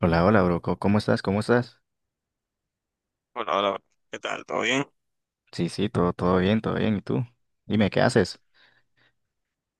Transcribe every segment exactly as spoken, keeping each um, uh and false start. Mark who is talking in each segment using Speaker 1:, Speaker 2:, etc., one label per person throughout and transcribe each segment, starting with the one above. Speaker 1: Hola, hola, bro. co- ¿Cómo estás? ¿Cómo estás?
Speaker 2: Hola, hola, ¿qué tal? ¿Todo bien?
Speaker 1: Sí, sí, todo, todo bien, todo bien. ¿Y tú? Dime, ¿qué haces?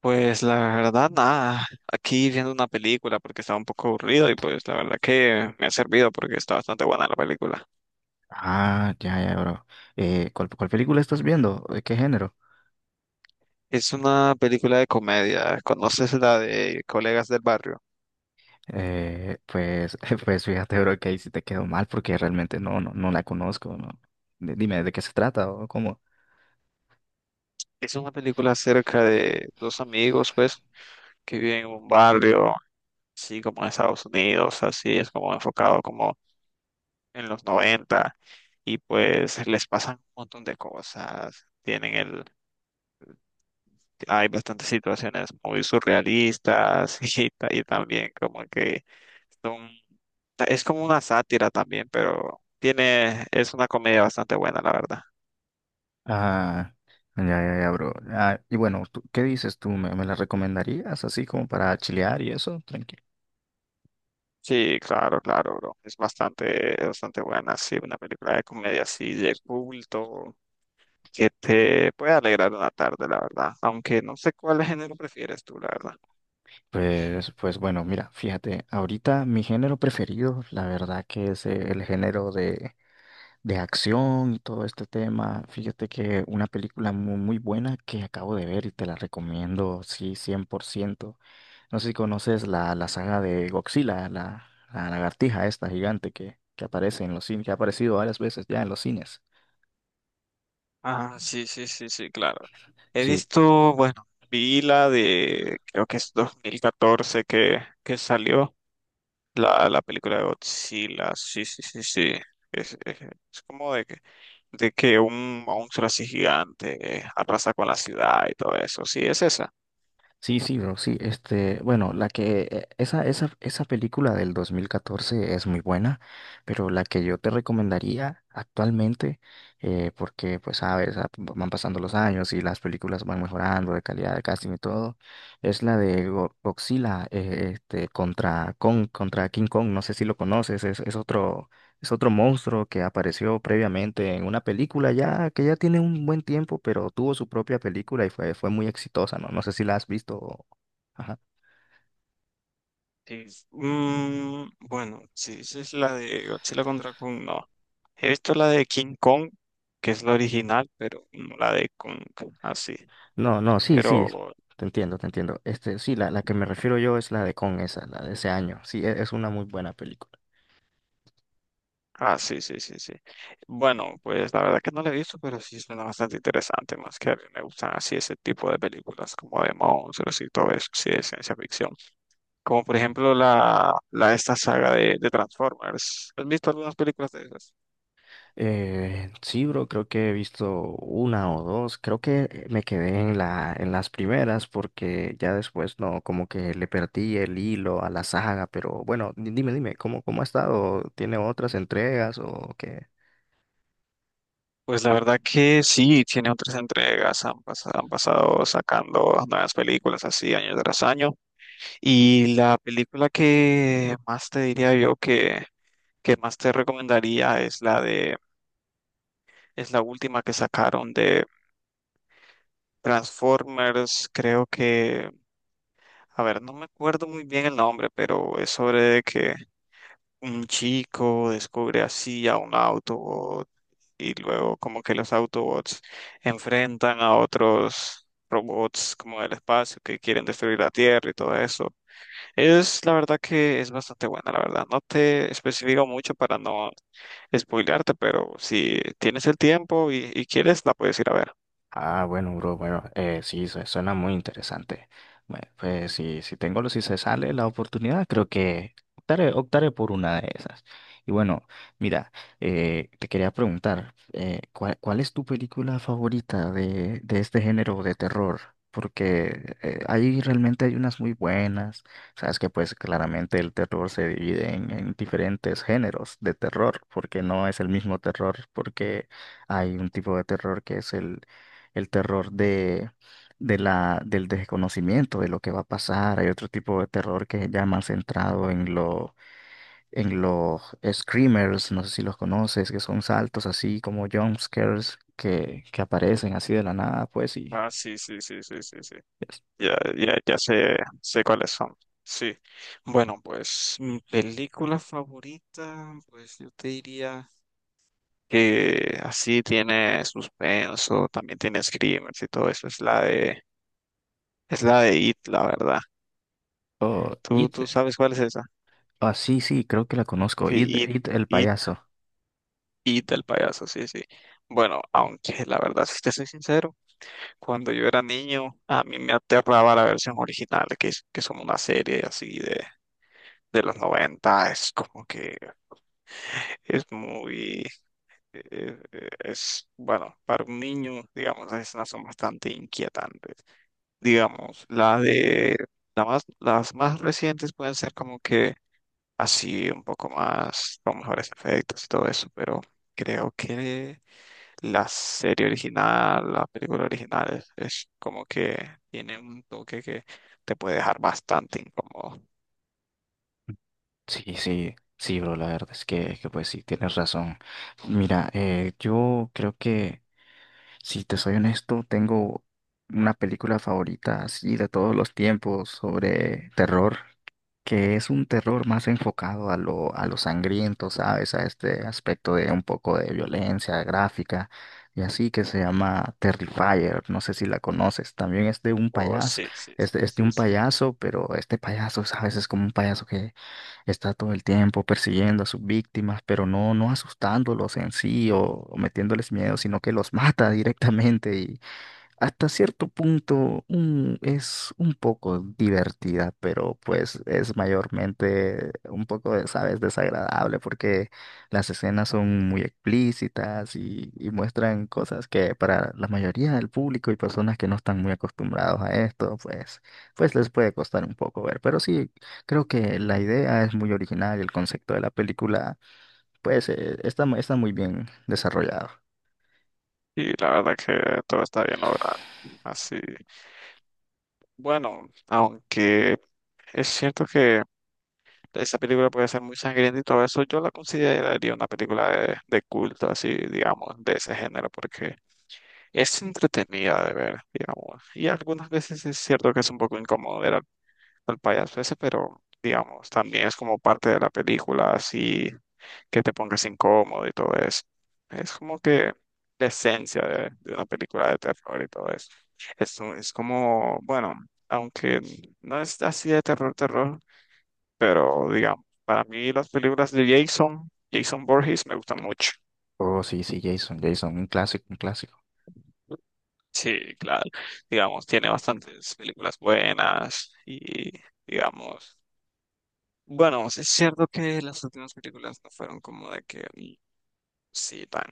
Speaker 2: Pues la verdad, nada, aquí viendo una película porque estaba un poco aburrido y pues la verdad que me ha servido porque está bastante buena la película.
Speaker 1: Ah, ya, ya, bro. Eh, ¿cuál, cuál película estás viendo? ¿De qué género?
Speaker 2: Es una película de comedia, ¿conoces la de Colegas del Barrio?
Speaker 1: Eh, pues, pues fíjate, bro, que ahí sí te quedó mal porque realmente no, no, no la conozco, ¿no? D- Dime, ¿de qué se trata o cómo?
Speaker 2: Es una película acerca de dos amigos pues que viven en un barrio, así como en Estados Unidos, así es como enfocado como en los noventa y pues les pasan un montón de cosas. Tienen el Hay bastantes situaciones muy surrealistas y, ta- y también como que son- es como una sátira también, pero tiene, es una comedia bastante buena, la verdad.
Speaker 1: Ah, ya, ya, ya, bro. Ah, y bueno, ¿tú, qué dices tú? ¿Me, me la recomendarías así como para chilear y eso?
Speaker 2: Sí, claro, claro, bro. Es bastante, bastante buena, sí, una película de comedia así de culto que te puede alegrar una tarde, la verdad. Aunque no sé cuál género prefieres tú, la verdad.
Speaker 1: Pues, pues bueno, mira, fíjate, ahorita mi género preferido, la verdad que es eh, el género de, de acción y todo este tema. Fíjate que una película mu- muy, buena que acabo de ver y te la recomiendo, sí, cien por ciento. No sé si conoces la, la saga de Godzilla, la, la lagartija esta gigante que, que aparece en los cines, que ha aparecido varias veces ya en los cines.
Speaker 2: Ah, sí, sí, sí, sí, claro. He
Speaker 1: Sí,
Speaker 2: visto, bueno, vi la de, creo que es dos mil catorce que, que salió. La, la película de Godzilla, sí, sí, sí, sí. Es, es- es como de que, de que un monstruo así gigante eh, arrasa con la ciudad y todo eso. Sí, es esa.
Speaker 1: sí, sí, bro, sí. Este, bueno, la que eh, esa, esa, esa película del dos mil catorce es muy buena, pero la que yo te recomendaría actualmente, eh, porque pues sabes, ah, van pasando los años y las películas van mejorando de calidad de casting y todo, es la de Go- Godzilla, eh, este, contra Kong, contra King Kong. No sé si lo conoces, es, es otro, es otro monstruo que apareció previamente en una película ya que ya tiene un buen tiempo, pero tuvo su propia película y fue, fue muy exitosa, ¿no? No sé si la has visto. o- Ajá.
Speaker 2: Sí. Mm, bueno, sí, esa es la de Godzilla contra Kong, no. He visto la de King Kong, que es la original, pero no la de Kong, así.
Speaker 1: No, no, sí, sí.
Speaker 2: Pero
Speaker 1: Te entiendo, te entiendo. Este, sí, la, la que me refiero yo es la de Con esa, la de ese año. Sí, e- es una muy buena película.
Speaker 2: ah, sí, sí, sí, sí. Bueno, pues la verdad que no la he visto, pero sí suena bastante interesante, más que a mí me gustan así ese tipo de películas como de monstruos y todo eso, sí, de ciencia ficción. Como por ejemplo la, la esta saga de, de Transformers. ¿Has visto algunas películas de esas?
Speaker 1: Eh, sí, bro, creo que he visto una o dos. Creo que eh, me quedé en la, en las primeras porque ya después no, como que le perdí el hilo a la saga. Pero bueno, di- dime, dime, ¿cómo, cómo ha estado? ¿Tiene otras entregas o qué?
Speaker 2: Pues la verdad que sí, tiene otras entregas, han pasado, han pasado sacando nuevas películas así año tras año. Y la película que más te diría yo que, que más te recomendaría es la de es la última que sacaron de Transformers, creo que, a ver, no me acuerdo muy bien el nombre, pero es sobre que un chico descubre así a un Autobot y luego como que los Autobots enfrentan a otros robots como del espacio que quieren destruir la Tierra y todo eso. Es la verdad que es bastante buena, la verdad. No te especifico mucho para no spoilearte, pero si tienes el tiempo y, y quieres, la puedes ir a ver.
Speaker 1: Ah, bueno, bro, bueno, eh, sí, su- suena muy interesante. Bueno, pues si, si tengo, si se sale la oportunidad, creo que optaré, optaré por una de esas. Y bueno, mira, eh, te quería preguntar, eh, ¿cuál, cuál es tu película favorita de, de este género de terror? Porque eh, ahí realmente hay unas muy buenas. Sabes que pues claramente el terror se divide en, en diferentes géneros de terror, porque no es el mismo terror, porque... Hay un tipo de terror que es el el terror de, de la, del desconocimiento de lo que va a pasar. Hay otro tipo de terror que ya más centrado en lo, en los screamers, no sé si los conoces, que son saltos así como jump scares que, que aparecen así de la nada, pues, y
Speaker 2: Ah, sí, sí, sí, sí, sí, sí.
Speaker 1: es-
Speaker 2: Ya, ya, ya sé, sé cuáles son. Sí. Bueno, pues mi película favorita, pues yo te diría que así tiene suspenso, también tiene screamers y todo eso. Es la de, es la de It, la verdad.
Speaker 1: o
Speaker 2: ¿Tú,
Speaker 1: It.
Speaker 2: tú sabes cuál es esa?
Speaker 1: Ah, sí, sí, creo que la conozco.
Speaker 2: Sí,
Speaker 1: It,
Speaker 2: It,
Speaker 1: It, el
Speaker 2: It,
Speaker 1: payaso.
Speaker 2: It, el payaso, sí, sí. Bueno, aunque la verdad, si te soy sincero, cuando yo era niño, a mí me aterraba la versión original, que, es- que son una serie así de los noventa es como que es muy, eh, eh, es, bueno, para un niño, digamos, las escenas son bastante inquietantes. Digamos, la de, la más, las más recientes pueden ser como que así un poco más, con mejores efectos y todo eso, pero creo que la serie original, la película original es, es como que tiene un toque que te puede dejar bastante incómodo.
Speaker 1: Sí, sí, sí, bro, la verdad es que, que pues sí, tienes razón. Mira, eh, yo creo que si te soy honesto, tengo una película favorita así de todos los tiempos sobre terror que es un terror más enfocado a lo, a lo sangriento, ¿sabes? A este aspecto de un poco de violencia gráfica y así que se llama Terrifier, no sé si la conoces, también es de un
Speaker 2: Oh,
Speaker 1: payaso,
Speaker 2: sí, sí,
Speaker 1: es
Speaker 2: sí,
Speaker 1: de, es de
Speaker 2: sí,
Speaker 1: un
Speaker 2: sí.
Speaker 1: payaso, pero este payaso, ¿sabes? Es como un payaso que está todo el tiempo persiguiendo a sus víctimas, pero no, no asustándolos en sí o, o metiéndoles miedo, sino que los mata directamente hasta cierto punto un- es un poco divertida, pero pues es mayormente un poco, de, ¿sabes?, desagradable porque las escenas son muy explícitas y, y muestran cosas que para la mayoría del público y personas que no están muy acostumbrados a esto, pues, pues les puede costar un poco ver. Pero sí, creo que la idea es muy original y el concepto de la película, pues, eh, está, mu- está muy bien desarrollado.
Speaker 2: Y la verdad que todo está bien logrado. Así. Bueno, aunque es cierto que esa película puede ser muy sangrienta y todo eso, yo la consideraría una película de, de culto, así, digamos, de ese género, porque es entretenida de ver, digamos. Y algunas veces es cierto que es un poco incómodo ver al, al payaso ese, pero, digamos, también es como parte de la película, así, que te pongas incómodo y todo eso. Es como que la esencia de, de una película de terror y todo eso. Es, un- es como, bueno, aunque no es así de terror, terror, pero digamos, para mí las películas de Jason, Jason Borges me gustan mucho.
Speaker 1: Oh, sí, sí, Jason, Jason, un clásico, un clásico.
Speaker 2: Sí, claro. Digamos, tiene bastantes películas buenas y, digamos, bueno, es cierto que las últimas películas no fueron como de que, mm, sí, tan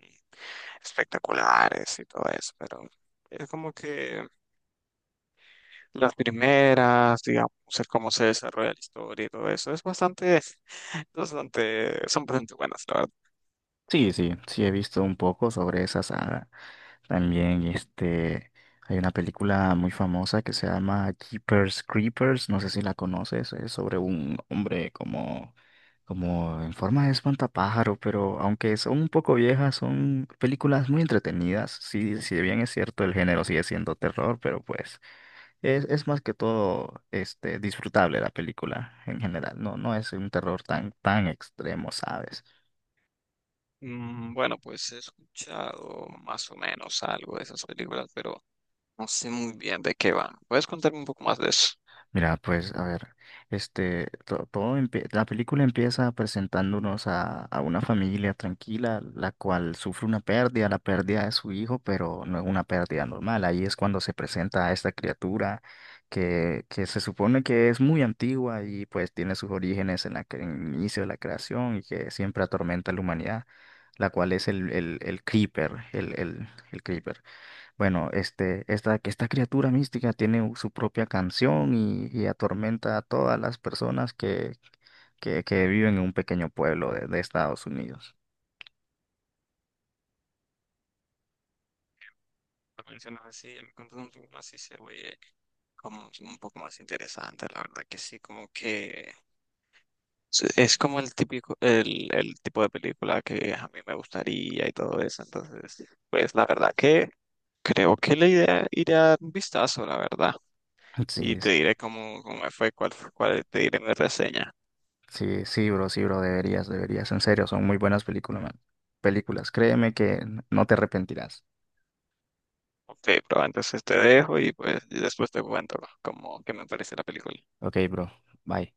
Speaker 2: espectaculares y todo eso, pero es como que las primeras, digamos, el cómo se desarrolla la historia y todo eso, es bastante, bastante, son bastante buenas, la verdad.
Speaker 1: Sí, sí, sí he visto un poco sobre esa saga. También este hay una película muy famosa que se llama Jeepers Creepers, no sé si la conoces, es sobre un hombre como como en forma de espantapájaro, pero aunque son un poco viejas, son películas muy entretenidas. Sí, si bien es cierto el género sigue siendo terror, pero pues es, es más que todo este disfrutable la película en general. No, no es un terror tan tan extremo, ¿sabes?
Speaker 2: Mm, bueno, pues he escuchado más o menos algo de esas películas, pero no sé muy bien de qué van. ¿Puedes contarme un poco más de eso?
Speaker 1: Mira, pues a ver, este, to- todo empie- la película empieza presentándonos a, a una familia tranquila, la cual sufre una pérdida, la pérdida de su hijo, pero no es una pérdida normal. Ahí es cuando se presenta a esta criatura que, que se supone que es muy antigua y pues tiene sus orígenes en la, cre- en el inicio de la creación y que siempre atormenta a la humanidad, la cual es el, el, el Creeper, el, el, el Creeper. Bueno, este, esta, que esta criatura mística tiene u- su propia canción y, y atormenta a todas las personas que, que, que viven en un pequeño pueblo de, de Estados Unidos.
Speaker 2: Lo mencionas así, me contas un poco más y se oye como un poco más interesante, la verdad que sí, como que sí, es como el típico, el, el tipo de película que a mí me gustaría y todo eso. Entonces, pues la verdad que creo que la idea iré a dar un vistazo, la verdad.
Speaker 1: Sí,
Speaker 2: Y te
Speaker 1: es-
Speaker 2: diré cómo, cómo me fue, cuál, fue- cuál te diré mi reseña.
Speaker 1: sí, sí, bro, sí, bro, deberías, deberías, en serio, son muy buenas películas, man. Películas, créeme que no te arrepentirás.
Speaker 2: Ok, pero entonces te dejo y pues y después te cuento cómo que me parece la película.
Speaker 1: Ok, bro, bye.